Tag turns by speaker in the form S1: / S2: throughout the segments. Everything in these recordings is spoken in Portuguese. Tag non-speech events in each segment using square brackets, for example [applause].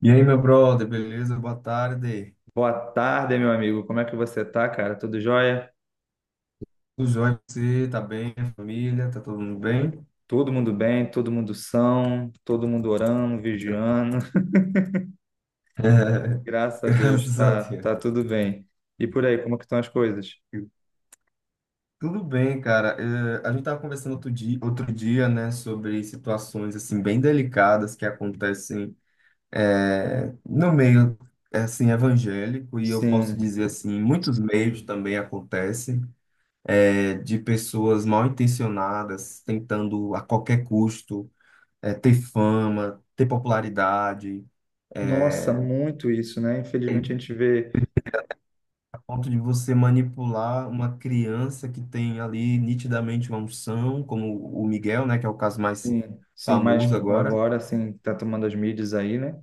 S1: E aí, meu brother, beleza? Boa tarde.
S2: Boa tarde, meu amigo. Como é que você tá, cara? Tudo jóia?
S1: Tudo jóia você? Tá bem? A família? Tá todo mundo bem?
S2: Todo mundo bem, todo mundo são, todo mundo orando,
S1: Gra-
S2: vigiando. [laughs]
S1: [laughs] É,
S2: Graças a Deus,
S1: graças a
S2: tá,
S1: Deus.
S2: tá tudo bem. E por aí, como que estão as coisas?
S1: Tudo bem, cara. A gente tava conversando outro dia, né, sobre situações, assim, bem delicadas que acontecem no meio, assim, evangélico, e eu posso
S2: Sim.
S1: dizer, assim, em muitos meios também acontecem, de pessoas mal intencionadas tentando a qualquer custo ter fama, ter popularidade,
S2: Nossa,
S1: é,
S2: muito isso, né? Infelizmente
S1: e
S2: a gente vê,
S1: a ponto de você manipular uma criança que tem ali nitidamente uma unção, como o Miguel, né, que é o caso mais
S2: sim, sim, mas
S1: famoso agora,
S2: agora, assim, tá tomando as mídias aí, né?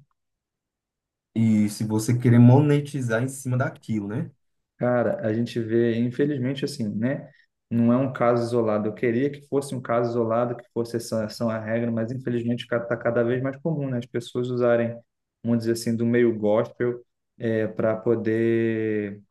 S1: e se você querer monetizar em cima daquilo, né?
S2: Cara, a gente vê, infelizmente, assim, né? Não é um caso isolado. Eu queria que fosse um caso isolado, que fosse essa, essa a regra, mas infelizmente está cada vez mais comum, né? As pessoas usarem, vamos dizer assim, do meio gospel para poder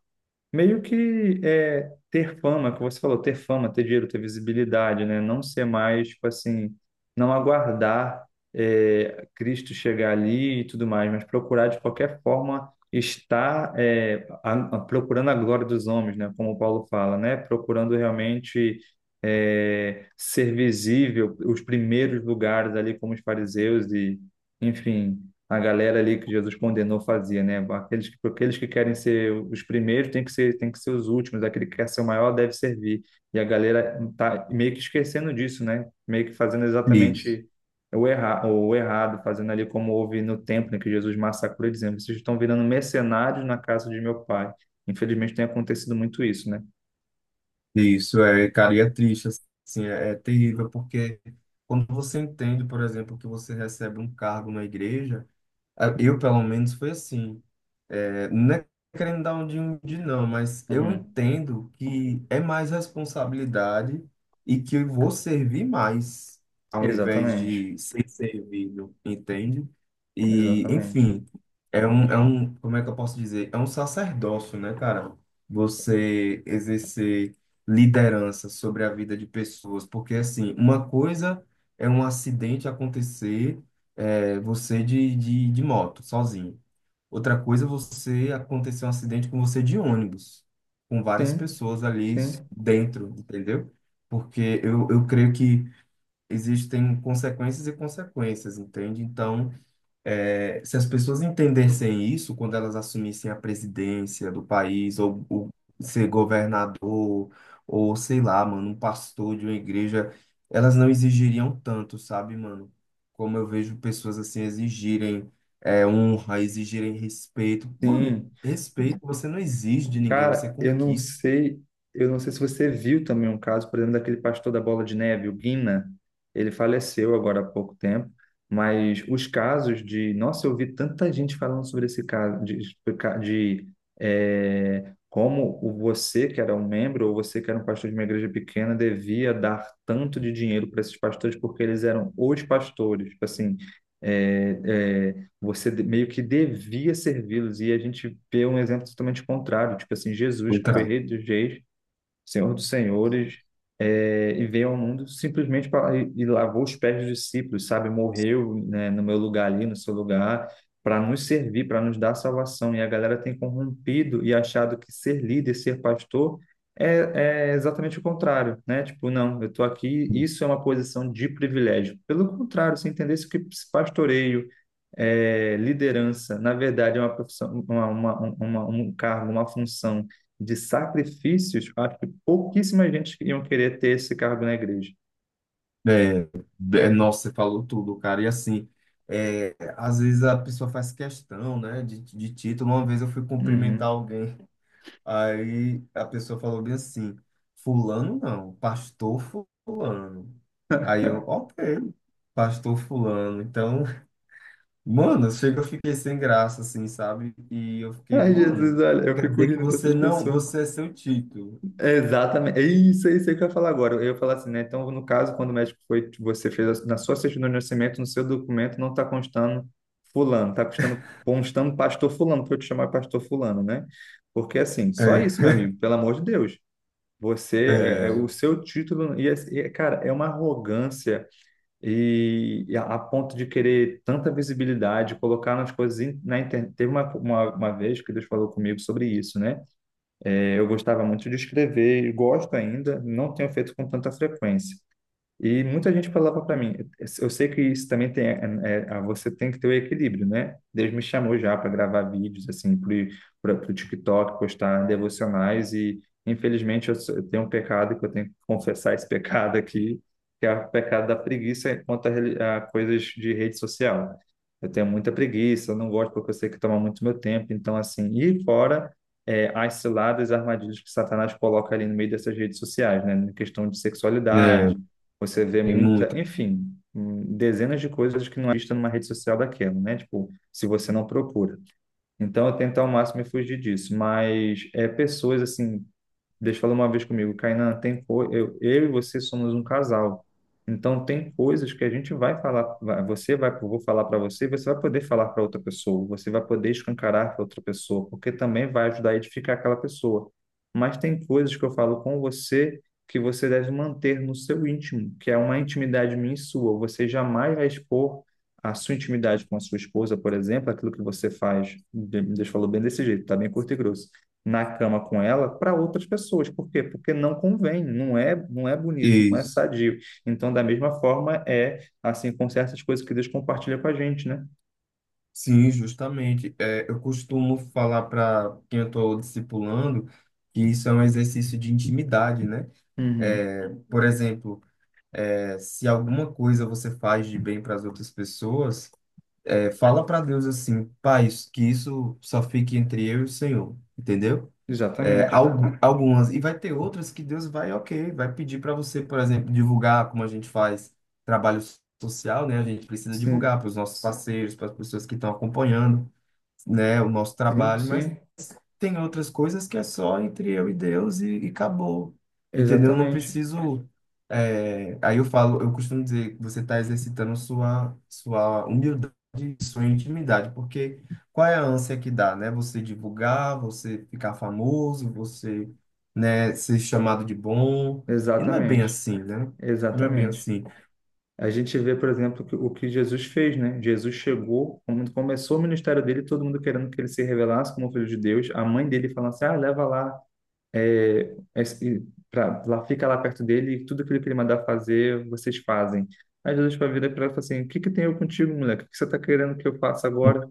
S2: meio ter fama, que você falou, ter fama, ter dinheiro, ter visibilidade, né? Não ser mais, tipo assim, não aguardar Cristo chegar ali e tudo mais, mas procurar de qualquer forma estar procurando a glória dos homens, né? Como o Paulo fala, né? Procurando realmente ser visível, os primeiros lugares ali, como os fariseus e, enfim, a galera ali que Jesus condenou fazia, né? Aqueles que querem ser os primeiros tem que ser os últimos, aquele que quer ser o maior deve servir. E a galera tá meio que esquecendo disso, né? Meio que fazendo
S1: Isso.
S2: exatamente o errado, fazendo ali como houve no templo, né? Que Jesus massacrou, dizendo: vocês estão virando mercenários na casa de meu pai. Infelizmente tem acontecido muito isso, né?
S1: Isso é, cara, e é triste, assim, é, é terrível, porque quando você entende, por exemplo, que você recebe um cargo na igreja, eu, pelo menos, foi assim. É, não é querendo dar um de não, mas eu
S2: Uhum.
S1: entendo que é mais responsabilidade e que eu vou servir mais ao invés
S2: Exatamente,
S1: de ser servido, entende? E,
S2: exatamente.
S1: enfim, é um, como é que eu posso dizer? É um sacerdócio, né, cara? Você exercer liderança sobre a vida de pessoas, porque, assim, uma coisa é um acidente acontecer, é, você de moto, sozinho. Outra coisa, é você acontecer um acidente com você de ônibus, com várias
S2: Sim,
S1: pessoas ali
S2: sim.
S1: dentro, entendeu? Porque eu creio que existem consequências e consequências, entende? Então, é, se as pessoas entendessem isso, quando elas assumissem a presidência do país, ou ser governador, ou sei lá, mano, um pastor de uma igreja, elas não exigiriam tanto, sabe, mano? Como eu vejo pessoas assim exigirem honra, exigirem respeito. Mano,
S2: Sim,
S1: respeito você não exige de ninguém, você
S2: cara, eu não
S1: conquista.
S2: sei, se você viu também um caso, por exemplo, daquele pastor da Bola de Neve, o Guina. Ele faleceu agora há pouco tempo, mas os casos de, nossa, eu vi tanta gente falando sobre esse caso, de, de como o você que era um membro ou você que era um pastor de uma igreja pequena devia dar tanto de dinheiro para esses pastores porque eles eram os pastores, tipo assim, é, é, você meio que devia servi-los. E a gente vê um exemplo totalmente contrário, tipo assim, Jesus, que
S1: Contra.
S2: foi rei dos reis, Senhor dos Senhores, e veio ao mundo simplesmente para e lavou os pés dos discípulos, sabe? Morreu, né, no meu lugar ali, no seu lugar, para nos servir, para nos dar salvação. E a galera tem corrompido e achado que ser líder, ser pastor é exatamente o contrário, né? Tipo, não, eu estou aqui, isso é uma posição de privilégio. Pelo contrário, se entendesse que pastoreio, liderança, na verdade, é uma profissão, um cargo, uma função de sacrifícios, pouquíssima gente que iam querer ter esse cargo na igreja.
S1: É, nossa, você falou tudo, cara. E assim, é, às vezes a pessoa faz questão, né, de título. Uma vez eu fui cumprimentar
S2: Uhum.
S1: alguém, aí a pessoa falou bem assim: Fulano não, Pastor Fulano. Aí eu, ok, Pastor Fulano. Então, [laughs] mano, chega, eu fiquei sem graça, assim, sabe? E eu fiquei,
S2: Ai,
S1: mano,
S2: Jesus, olha, eu
S1: quer
S2: fico
S1: dizer que
S2: rindo
S1: você
S2: dessas
S1: não,
S2: pessoas.
S1: você é seu título.
S2: É, exatamente. É isso, é isso aí que eu ia falar agora. Eu ia falar assim, né? Então, no caso, quando o médico foi, você fez na sua certidão de nascimento, no seu documento, não está constando fulano, está constando pastor fulano, para eu te chamar pastor fulano, né? Porque assim, só isso, meu
S1: É,
S2: amigo, pelo amor de Deus. Você, é
S1: é,
S2: o seu título, e, e, cara, é uma arrogância e, a ponto de querer tanta visibilidade, colocar nas na internet. Teve uma vez que Deus falou comigo sobre isso, né? É, eu gostava muito de escrever, e gosto ainda, não tenho feito com tanta frequência. E muita gente falava para mim, eu sei que isso também tem, você tem que ter o equilíbrio, né? Deus me chamou já para gravar vídeos assim para o TikTok, postar devocionais, e infelizmente eu, eu tenho um pecado que eu tenho que confessar esse [laughs] pecado aqui, que é o pecado da preguiça quanto a coisas de rede social. Eu tenho muita preguiça, eu não gosto porque eu sei que toma muito meu tempo, então assim, e fora as ciladas, as armadilhas que Satanás coloca ali no meio dessas redes sociais, né? Na questão de
S1: é,
S2: sexualidade, você vê
S1: tem
S2: muita,
S1: muito.
S2: enfim, dezenas de coisas que não é vista numa rede social daquela, né? Tipo, se você não procura. Então, eu tento ao máximo me fugir disso. Mas é pessoas, assim, Deus falou uma vez comigo, Kainan, tem eu, e você somos um casal. Então tem coisas que a gente vai falar, você vai, eu vou falar para você, você vai poder falar para outra pessoa, você vai poder escancarar para outra pessoa, porque também vai ajudar a edificar aquela pessoa. Mas tem coisas que eu falo com você que você deve manter no seu íntimo, que é uma intimidade minha e sua. Você jamais vai expor a sua intimidade com a sua esposa, por exemplo, aquilo que você faz. Deus falou bem desse jeito, tá bem curto e grosso na cama com ela para outras pessoas. Por quê? Porque não convém, não é, não é bonito, não é
S1: Isso.
S2: sadio. Então, da mesma forma, é assim com certas coisas que Deus compartilha com a gente, né?
S1: Sim, justamente. É, eu costumo falar para quem eu estou discipulando que isso é um exercício de intimidade, né?
S2: Uhum.
S1: É, por exemplo, é, se alguma coisa você faz de bem para as outras pessoas, é, fala para Deus assim, Pai, que isso só fique entre eu e o Senhor, entendeu? É,
S2: Exatamente.
S1: algumas. E vai ter outras que Deus vai, ok, vai pedir para você, por exemplo, divulgar como a gente faz trabalho social, né? A gente precisa
S2: Sim,
S1: divulgar para os nossos parceiros, para as pessoas que estão acompanhando né, o nosso
S2: sim,
S1: trabalho, mas
S2: sim.
S1: tem outras coisas que é só entre eu e Deus e acabou. Entendeu? Eu não
S2: Exatamente.
S1: preciso. É, aí eu falo, eu costumo dizer que você está exercitando sua humildade, sua intimidade, porque qual é a ânsia que dá, né? Você divulgar, você ficar famoso, você, né, ser chamado de bom. E não é bem
S2: Exatamente.
S1: assim, né? Não é bem
S2: Exatamente.
S1: assim.
S2: A gente vê, por exemplo, o que Jesus fez, né? Jesus chegou, quando começou o ministério dele, todo mundo querendo que ele se revelasse como filho de Deus. A mãe dele falando assim: ah, leva lá, pra, lá fica lá perto dele e tudo aquilo que ele mandar fazer, vocês fazem. Aí Jesus vai virar para ela e fala assim: o que que tem eu contigo, moleque? O que você está querendo que eu faça agora?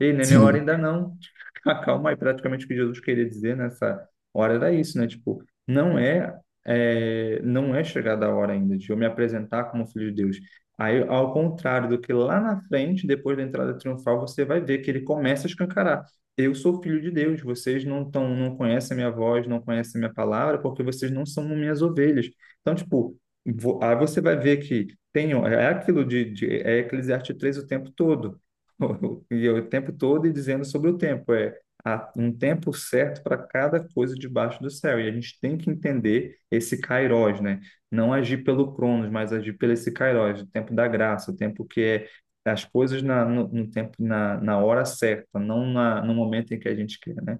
S2: Ei, não é minha hora
S1: Sim,
S2: ainda não. [laughs] Calma aí, praticamente o que Jesus queria dizer nessa hora era isso, né? Tipo, não é, não é chegada a hora ainda de eu me apresentar como filho de Deus. Aí, ao contrário do que lá na frente, depois da entrada triunfal, você vai ver que ele começa a escancarar, eu sou filho de Deus, vocês não tão, não conhecem a minha voz, não conhecem a minha palavra, porque vocês não são minhas ovelhas. Então, tipo, aí você vai ver que tem, é aquilo de é Eclesiastes 3 o tempo todo, [laughs] e é o tempo todo e dizendo sobre o tempo, é, há um tempo certo para cada coisa debaixo do céu, e a gente tem que entender esse kairos, né? Não agir pelo Cronos, mas agir pelo esse kairos, o tempo da graça, o tempo que é as coisas na, no, no tempo, na hora certa, no momento em que a gente quer, né?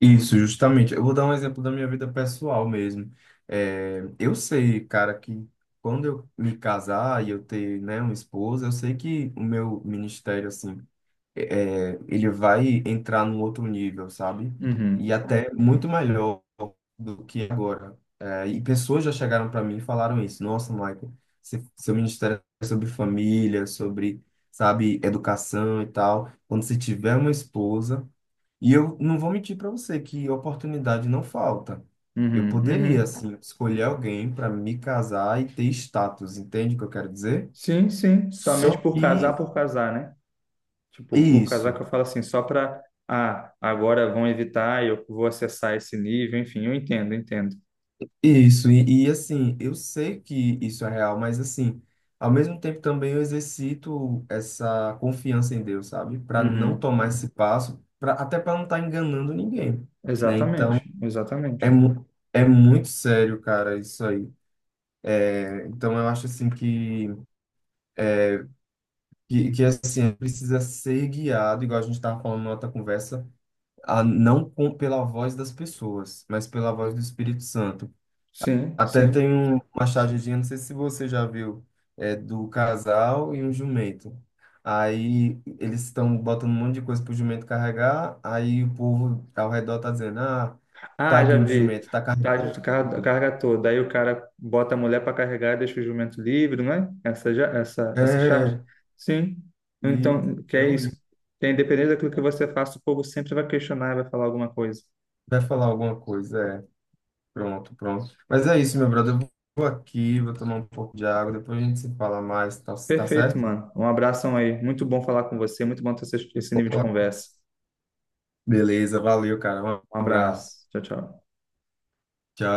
S1: Isso, justamente. Eu vou dar um exemplo da minha vida pessoal mesmo. É, eu sei, cara, que quando eu me casar e eu ter, né, uma esposa, eu sei que o meu ministério, assim, ele vai entrar num outro nível, sabe? E
S2: Uhum,
S1: até muito melhor do que agora. É, e pessoas já chegaram para mim e falaram isso. Nossa, Michael, seu ministério é sobre família, sobre, sabe, educação e tal. Quando você tiver uma esposa e eu não vou mentir para você que oportunidade não falta. Eu
S2: uhum,
S1: poderia,
S2: uhum.
S1: assim, escolher alguém para me casar e ter status, entende o que eu quero dizer?
S2: Sim, sim, somente
S1: Só que
S2: por casar, né? Tipo, por casar
S1: isso,
S2: que eu falo assim, só para, ah, agora vão evitar, eu vou acessar esse nível, enfim, eu entendo, entendo.
S1: isso, e assim, eu sei que isso é real, mas assim, ao mesmo tempo também eu exercito essa confiança em Deus, sabe? Para não
S2: Uhum.
S1: tomar esse passo, pra, até para não estar enganando ninguém, né? Então,
S2: Exatamente,
S1: é,
S2: exatamente.
S1: mu- é muito sério, cara, isso aí. É, Então, eu acho assim que assim, precisa ser guiado, igual a gente estava falando na outra conversa, a, não com, pela voz das pessoas, mas pela voz do Espírito Santo.
S2: Sim,
S1: Até tem
S2: sim.
S1: um, uma chargezinha, não sei se você já viu, é do casal e um jumento. Aí eles estão botando um monte de coisa pro jumento carregar, aí o povo ao redor tá dizendo, ah,
S2: Ah, já
S1: tadinho do
S2: vi.
S1: jumento, tá
S2: Tá, a
S1: carregando
S2: carga
S1: tudo.
S2: carga toda. Aí o cara bota a mulher para carregar e deixa o jumento livre, não é? Essa, essa charge?
S1: É,
S2: Sim.
S1: e
S2: Então, que
S1: é
S2: é
S1: horrível.
S2: isso. Que independente daquilo que você faça, o povo sempre vai questionar e vai falar alguma coisa.
S1: Vai falar alguma coisa, é. Pronto, pronto. Mas é isso, meu brother. Eu vou aqui, vou tomar um pouco de água, depois a gente se fala mais, tá, tá
S2: Perfeito,
S1: certo?
S2: mano. Um abração aí. Muito bom falar com você. Muito bom ter esse nível de
S1: Opa.
S2: conversa.
S1: Beleza, valeu, cara.
S2: Um
S1: Um abraço.
S2: abraço. Tchau, tchau.
S1: Tchau.